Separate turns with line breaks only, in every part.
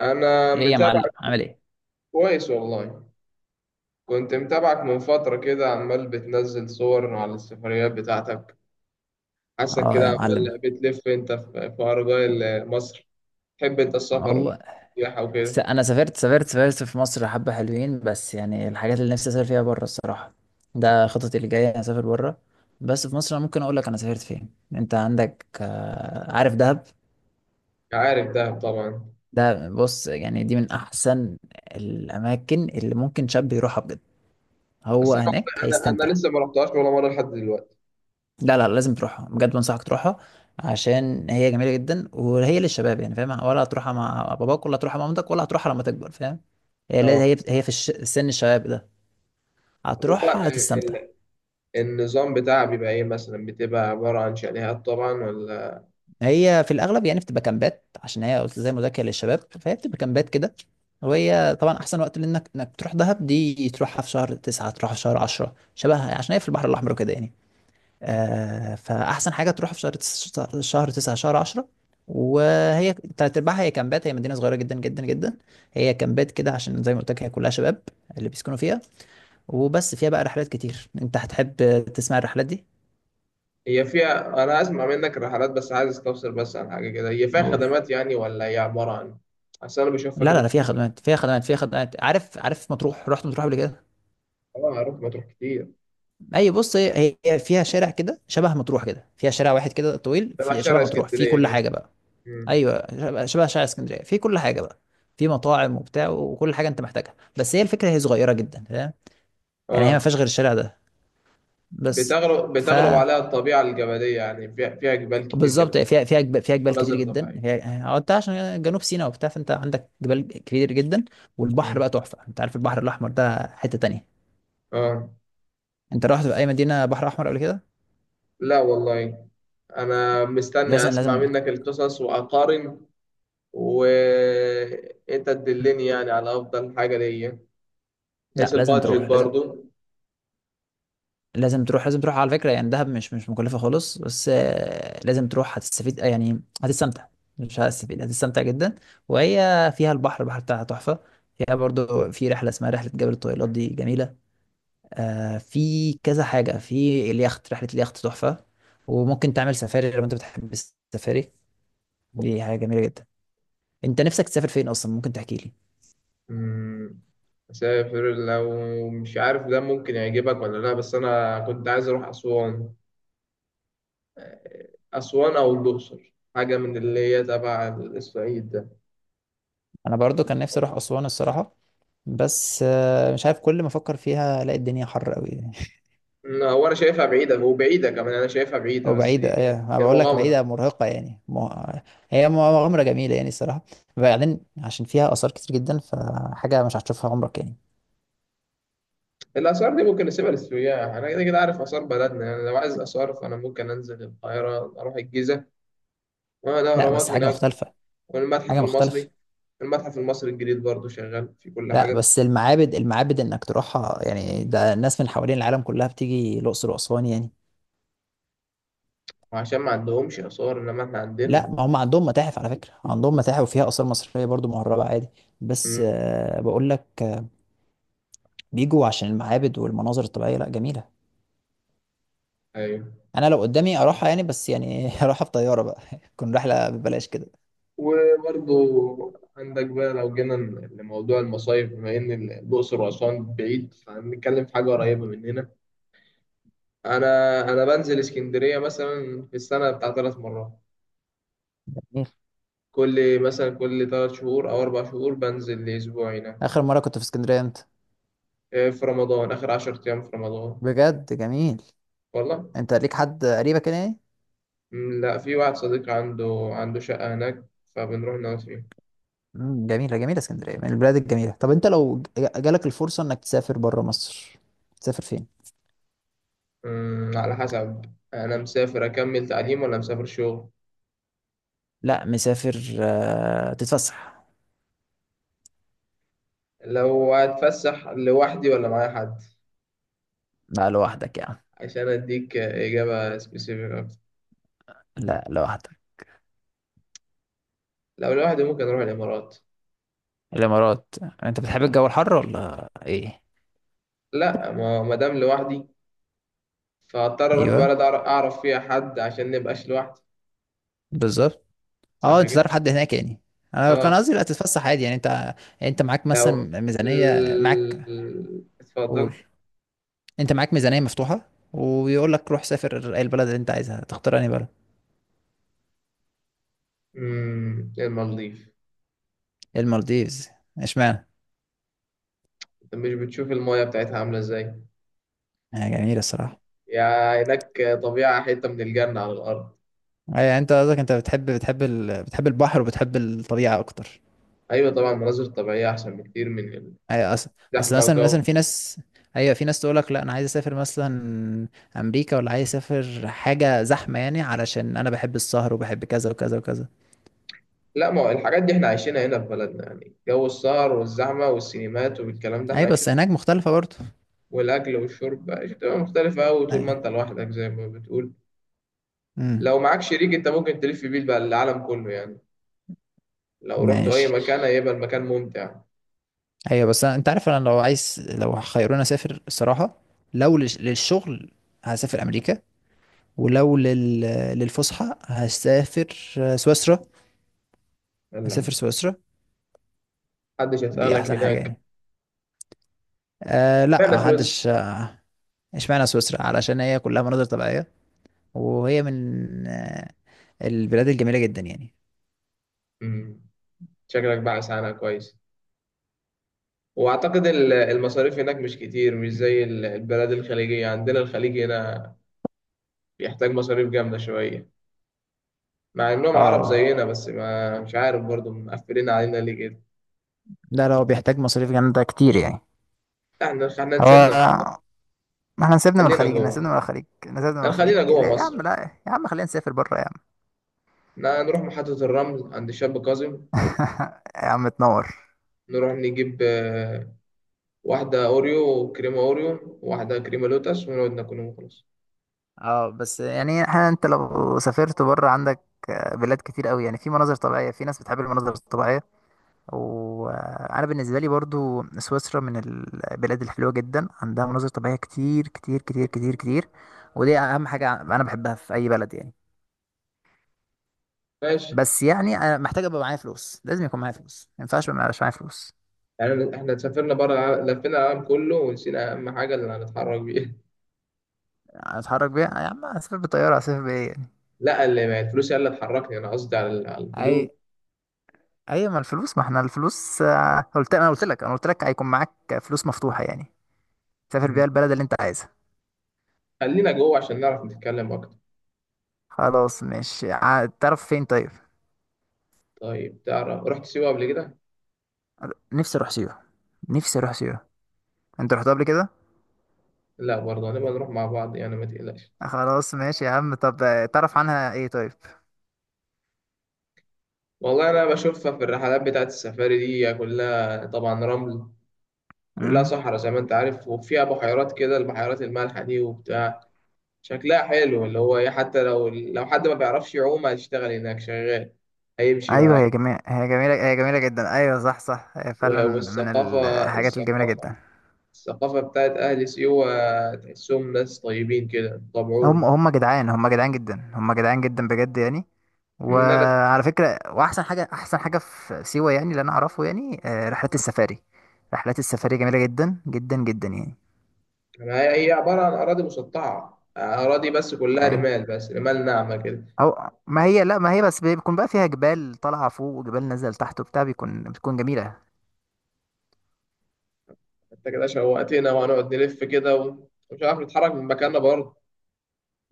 انا
ايه يا
متابعك.
معلم عامل ايه.
كويس والله. كنت متابعك من فترة كده، عمال بتنزل صور على السفريات بتاعتك. حاسك
اه
كده
يا معلم،
عمال بتلف انت في أرجاء مصر. تحب انت السفر
والله
والسياحة وكده.
انا سافرت في مصر حبة حلوين، بس يعني الحاجات اللي نفسي اسافر فيها بره الصراحة. ده خططي اللي جاية أنا اسافر بره. بس في مصر انا ممكن اقول لك انا سافرت فين. انت عندك عارف دهب؟
عارف دهب طبعا.
ده بص، يعني دي من احسن الاماكن اللي ممكن شاب يروحها بجد. هو
بس انا،
هناك
والله انا
هيستمتع.
لسه ما رحتهاش ولا مرة لحد دلوقتي.
لا لا، لازم تروحها بجد، بنصحك تروحها. عشان هي جميلة جدا، وهي للشباب يعني، فاهم؟ ولا هتروحها مع باباك، ولا هتروحها مع مامتك، ولا هتروحها لما تكبر، فاهم؟ هي لا-
اه.
هي هي في سن الشباب ده
طب هو
هتروحها هتستمتع.
النظام بتاعها بيبقى ايه؟ مثلا بتبقى عبارة عن شاليهات طبعا ولا
هي في الأغلب يعني بتبقى كامبات، عشان هي قلت زي ما قلت لك هي للشباب، فهي بتبقى كامبات كده. وهي طبعا أحسن وقت، لأنك إنك تروح دهب دي تروحها في شهر تسعة، تروحها في شهر عشرة شبهها، عشان هي في البحر الأحمر كده يعني. فأحسن حاجة تروح في شهر تسعة شهر عشرة. وهي تلات أرباعها هي كامبات، هي مدينة صغيرة جدا جدا جدا. هي كامبات كده، عشان زي ما قلت لك هي كلها شباب اللي بيسكنوا فيها. وبس فيها بقى رحلات كتير أنت هتحب تسمع الرحلات دي؟
هي فيها؟ انا اسمع منك الرحلات، بس عايز استفسر بس عن حاجه كده. هي فيها
أقول.
خدمات يعني، ولا هي عباره عن اصل انا بشوفها
لا
كده
لا لا،
في.
فيها خدمات فيها خدمات فيها خدمات. عارف عارف مطروح؟ رحت مطروح قبل كده؟
اه، اروح مطروح كتير.
أي بص، هي فيها شارع كده شبه مطروح، كده فيها شارع واحد كده طويل،
تبع
في شبه
شارع
مطروح، فيه
اسكندريه
كل
كده.
حاجة بقى.
مم.
ايوه، شبه شارع اسكندريه، في كل حاجه بقى. في مطاعم وبتاع وكل حاجه انت محتاجها، بس هي الفكره هي صغيره جدا، فاهم؟ يعني هي ما
اه.
فيهاش غير الشارع ده بس.
بتغلب
ف
بتغلب عليها الطبيعه الجبليه يعني، فيها، فيها جبال كتير كده.
بالظبط، فيها جبال، فيها جبال كتير
مناظر
جدا.
طبيعيه.
هي هو انت عشان جنوب سيناء وبتاع، فانت عندك جبال كتير جدا. والبحر
مم.
بقى تحفه، انت عارف البحر الاحمر ده حته تانية.
اه.
انت رحت في اي مدينه بحر احمر قبل كده؟
لا والله. انا مستني
لازم
اسمع
لازم.
منك القصص واقارن، وانت تدلني يعني على افضل حاجه ليا،
لا
بحيث
لازم
البادجت
تروح، لازم.
برضو.
لازم تروح، لازم تروح على فكرة. يعني دهب مش مكلفة خالص، بس لازم تروح هتستفيد، يعني هتستمتع. مش هتستفيد، هتستمتع جدا. وهي فيها البحر، البحر بتاعها تحفة. فيها برضو في رحلة اسمها رحلة جبل الطويلات، دي جميلة. في كذا حاجة، في اليخت، رحلة اليخت تحفة. وممكن تعمل سفاري لو انت بتحب السفاري، دي حاجة جميلة جدا. انت نفسك تسافر فين اصلا؟ ممكن تحكي لي.
مم، أسافر لو مش عارف ده ممكن يعجبك ولا لأ، بس أنا كنت عايز أروح أسوان. أو الأقصر، حاجة من اللي هي تبع الصعيد ده.
انا برضو كان نفسي اروح اسوان الصراحة، بس مش عارف، كل ما افكر فيها الاقي الدنيا حر قوي.
هو أنا شايفها بعيدة، وبعيدة كمان، أنا شايفها بعيدة،
هو
بس
بعيدة إيه، أنا
هي
بقول لك بعيدة
مغامرة.
مرهقة يعني هي مغامرة جميلة يعني الصراحة. بعدين عشان فيها آثار كتير جدا، فحاجة مش هتشوفها عمرك يعني.
الآثار دي ممكن نسيبها للسياح، أنا كده كده عارف آثار بلدنا يعني. لو عايز آثار فأنا ممكن أنزل القاهرة، أروح الجيزة
لا
والأهرامات
بس حاجة
هناك.
مختلفة.
والمتحف
حاجة مختلفة.
المصري. المتحف المصري الجديد برضه شغال في كل
لا
حاجة.
بس المعابد، المعابد إنك تروحها يعني، ده الناس من حوالين العالم كلها بتيجي الأقصر وأسوان يعني.
وعشان ما عندهمش آثار، إنما إحنا
لا
عندنا.
ما هم عندهم متاحف على فكرة، عندهم متاحف وفيها آثار مصرية برضو مهربة عادي. بس بقول لك بيجوا عشان المعابد والمناظر الطبيعية، لا جميلة.
ايوه.
أنا لو قدامي أروحها يعني، بس يعني أروحها في طيارة بقى تكون رحلة ببلاش كده.
وبرضو عندك بقى، لو جينا لموضوع المصايف، بما ان الاقصر واسوان بعيد، فهنتكلم في حاجه
أيوة.
قريبه مننا. انا بنزل اسكندريه مثلا في السنه بتاع 3 مرات.
جميل.
كل مثلا كل 3 شهور او 4 شهور بنزل لاسبوع هناك.
اخر مره كنت في اسكندريه انت؟
إيه، في رمضان، اخر 10 ايام في رمضان.
بجد جميل.
والله.
انت ليك حد قريبك هنا يعني؟
لا، في واحد صديق عنده شقه هناك، فبنروح نقعد فيها.
جميله جميله، اسكندريه من البلاد الجميله. طب انت لو جالك الفرصه انك تسافر بره مصر، تسافر فين؟
على حسب. انا مسافر اكمل تعليم، ولا مسافر شغل؟
لا مسافر تتفسح.
لو هتفسح لوحدي ولا معايا حد؟
لا لوحدك يعني.
عشان اديك اجابه سبيسيفيك اكتر.
لا لوحدك.
لو لوحدي ممكن اروح الامارات.
الامارات. انت بتحب الجو الحر ولا ايه؟
لا، ما دام لوحدي، فاضطر اروح
ايوه،
بلد اعرف فيها حد عشان نبقاش لوحدي.
بالظبط. اه
صح
انت
كده.
تعرف حد هناك يعني. انا كان
اه.
قصدي لا تتفسح عادي يعني انت. يعني انت معاك
لو
مثلا ميزانيه معاك.
اتفضل.
قول. انت معاك ميزانية مفتوحة، ويقول لك روح سافر اي البلد اللي انت عايزها، تختار انهي بلد؟
امم، المالديف.
المالديفز. اشمعنى؟
انت مش بتشوف المايه بتاعتها عامله ازاي؟
هي جميلة الصراحة.
يا هناك طبيعه، حته من الجنه على الارض.
اي انت قصدك انت بتحب بتحب البحر وبتحب الطبيعة اكتر.
ايوه طبعا، مناظر طبيعيه احسن بكتير من
اي اصل. اصل
الزحمه
مثلا
والجو.
مثلا في ناس، ايوه في ناس تقول لك لا انا عايز اسافر مثلا امريكا، ولا عايز اسافر حاجة زحمة يعني، علشان انا بحب السهر وبحب كذا وكذا وكذا.
لا، ما هو الحاجات دي احنا عايشينها هنا في بلدنا يعني، جو السهر والزحمة والسينمات والكلام ده احنا
اي بس
عايشينه.
هناك مختلفة برضه.
والأكل والشرب عايشين. تبقى مختلفة أوي طول
اي.
ما أنت لوحدك زي ما بتقول.
امم.
لو معاك شريك أنت ممكن تلف بيه بقى العالم كله يعني. لو رحت أي
ماشي.
مكان هيبقى المكان ممتع.
ايوه بس أنا، انت عارف انا لو عايز، لو خيروني اسافر الصراحه، لو للشغل هسافر امريكا، ولو للفسحه هسافر سويسرا. هسافر
يلا.
سويسرا،
محدش
دي
هيسألك
احسن حاجه
هناك.
يعني. أه لا
فين سويسرا؟
محدش. اشمعنى سويسرا؟ علشان هي كلها مناظر طبيعيه، وهي من البلاد الجميله جدا يعني.
أمم، شكلك بقى عنها كويس. وأعتقد المصاريف هناك مش كتير، مش زي البلاد الخليجية عندنا. الخليج هنا بيحتاج مصاريف جامدة شوية، مع انهم عرب
اه
زينا، بس ما مش عارف برضو مقفلين علينا ليه كده.
لا، لو بيحتاج مصاريف جامده كتير يعني.
احنا نسيبنا.
هو ما احنا نسيبنا من
خلينا
الخليج، نسيبنا
جوه.
من الخليج، نسيبنا من
لا،
الخليج
خلينا
ليه
جوه
يا عم؟
مصر.
لا يا عم خلينا نسافر بره.
نروح محطة الرمل عند الشاب كاظم.
يا عم تنور.
نروح نجيب واحدة أوريو وكريمة أوريو وواحدة كريمة لوتس ونقعد ناكلهم وخلاص.
اه بس يعني احنا، انت لو سافرت بره عندك بلاد كتير قوي يعني، في مناظر طبيعية، في ناس بتحب المناظر الطبيعية. وانا بالنسبة لي برضو سويسرا من البلاد الحلوة جدا، عندها مناظر طبيعية كتير كتير كتير كتير كتير. ودي اهم حاجة انا بحبها في اي بلد يعني.
ماشي.
بس يعني أنا محتاج ابقى معايا فلوس، لازم يكون معايا فلوس، ما ينفعش ما يبقاش معايا فلوس.
يعني احنا سافرنا بره لفينا العالم كله ونسينا أهم حاجة اللي هنتحرك بيها.
اتحرك بيها يا عم؟ اسافر بالطيارة، اسافر بايه يعني؟
لا، اللي ما الفلوس هي اللي تحركني، أنا قصدي على
اي.
الفلوس.
ايوه ما الفلوس، ما احنا الفلوس قلت، انا قلت لك هيكون معاك فلوس مفتوحه يعني، تسافر
مم.
بيها البلد اللي انت عايزها.
خلينا جوه عشان نعرف نتكلم أكتر.
خلاص مش تعرف فين طيب.
طيب تعرف، رحت سيوة قبل كده؟
نفسي اروح سيوه، نفسي اروح سيوه. انت رحت قبل كده؟
لا برضه، هنبقى نروح مع بعض يعني ما تقلقش.
خلاص ماشي يا عم. طب تعرف عنها ايه طيب؟
والله انا بشوفها في الرحلات بتاعت السفاري دي، كلها طبعا رمل، كلها
امم.
صحراء زي ما انت عارف، وفيها بحيرات كده، البحيرات المالحة دي وبتاع. شكلها حلو اللي هو ايه، حتى لو حد ما بيعرفش يعوم هيشتغل هناك شغال، هيمشي
ايوه
معاك.
هي جميله، هي جميله، هي جميله جدا، ايوه صح صح، هي فعلا
و-
من
والثقافة
الحاجات الجميله
الثقافة
جدا.
الثقافة بتاعت أهل سيوة، تحسهم ناس طيبين كده
هم
طبعهم.
هم جدعان، هم جدعان جدا، هم جدعان جدا بجد يعني.
إن أنا
وعلى فكرة، وأحسن حاجة، أحسن حاجة في سيوة يعني اللي أنا أعرفه يعني، رحلات السفاري. رحلات السفاري جميلة جدا جدا جدا يعني.
يعني، هي عبارة عن أراضي مسطحة، أراضي بس كلها
أيوه.
رمال، بس رمال ناعمة كده.
أو ما هي، لا ما هي بس بيكون بقى فيها جبال طالعة فوق وجبال نازلة تحت وبتاع، بيكون بتكون جميلة.
انت كده شوقتنا، وهنقعد نلف كده ومش عارف نتحرك من مكاننا برضه.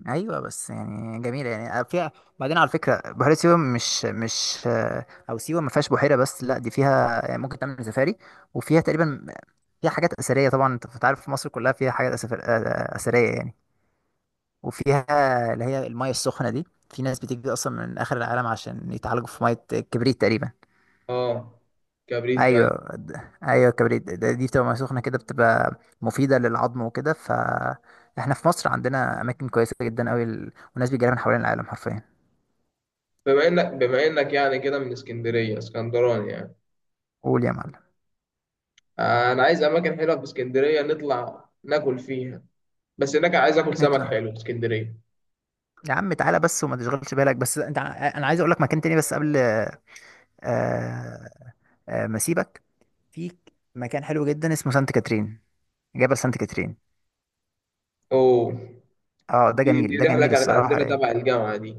ايوه بس يعني جميله يعني، فيها. بعدين على فكره، بحيره سيوه مش مش او سيوه ما فيهاش بحيره، بس لا دي فيها، يعني ممكن تعمل سفاري. وفيها تقريبا، فيها حاجات اثريه طبعا، انت أنت عارف مصر كلها فيها حاجات اثريه يعني. وفيها اللي هي الميه السخنه دي، في ناس بتيجي اصلا من اخر العالم عشان يتعالجوا في ميه الكبريت تقريبا.
اه، كبريت
ايوه.
فعلا.
ايوه الكبريت دي بتبقى ميه سخنه كده، بتبقى مفيده للعظم وكده، فاحنا في مصر عندنا اماكن كويسه جدا قوي والناس بيجي لها من حوالين العالم حرفيا.
بما انك يعني كده من اسكندريه، اسكندراني يعني.
قول يا معلم.
انا عايز اماكن حلوه في اسكندريه نطلع ناكل فيها، بس هناك عايز اكل سمك
اطلع
حلو في اسكندريه.
يا عم، تعالى بس وما تشغلش بالك، بس انت انا عايز اقول لك مكان تاني بس قبل آه، ما اسيبك. في مكان حلو جدا اسمه سانت كاترين، جبل سانت كاترين.
اوه.
اه ده
دي
جميل، ده
رحله
جميل
كانت
الصراحة
عندنا
يعني.
تبع الجامعه دي.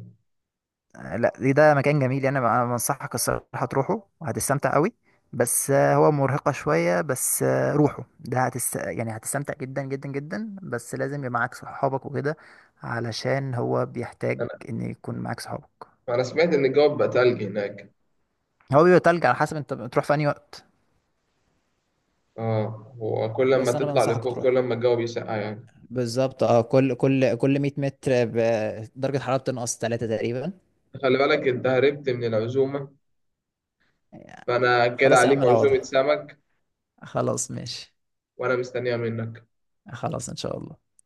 لا ده ده مكان جميل يعني، انا بنصحك الصراحة تروحه وهتستمتع قوي. بس هو مرهقة شوية، بس روحه، ده يعني هتستمتع جدا جدا جدا، بس لازم يبقى معاك صحابك وكده، علشان هو بيحتاج
انا
ان يكون معاك صحابك.
انا سمعت ان الجو بقى تلج هناك.
هو بيبقى تلج على حسب انت بتروح في انهي وقت.
اه، وكل لما
بس انا
تطلع
بنصحك
لفوق كل
تروح.
لما الجو بيسقع يعني.
بالظبط، اه، كل كل كل 100 متر درجة حرارة بتنقص 3 تقريبا
خلي بالك انت هربت من العزومه،
يعني.
فانا كده
خلاص يا
عليك
عم
عزومه
نعوضها.
سمك.
خلاص ماشي.
وانا مستنيها منك.
خلاص ان شاء الله.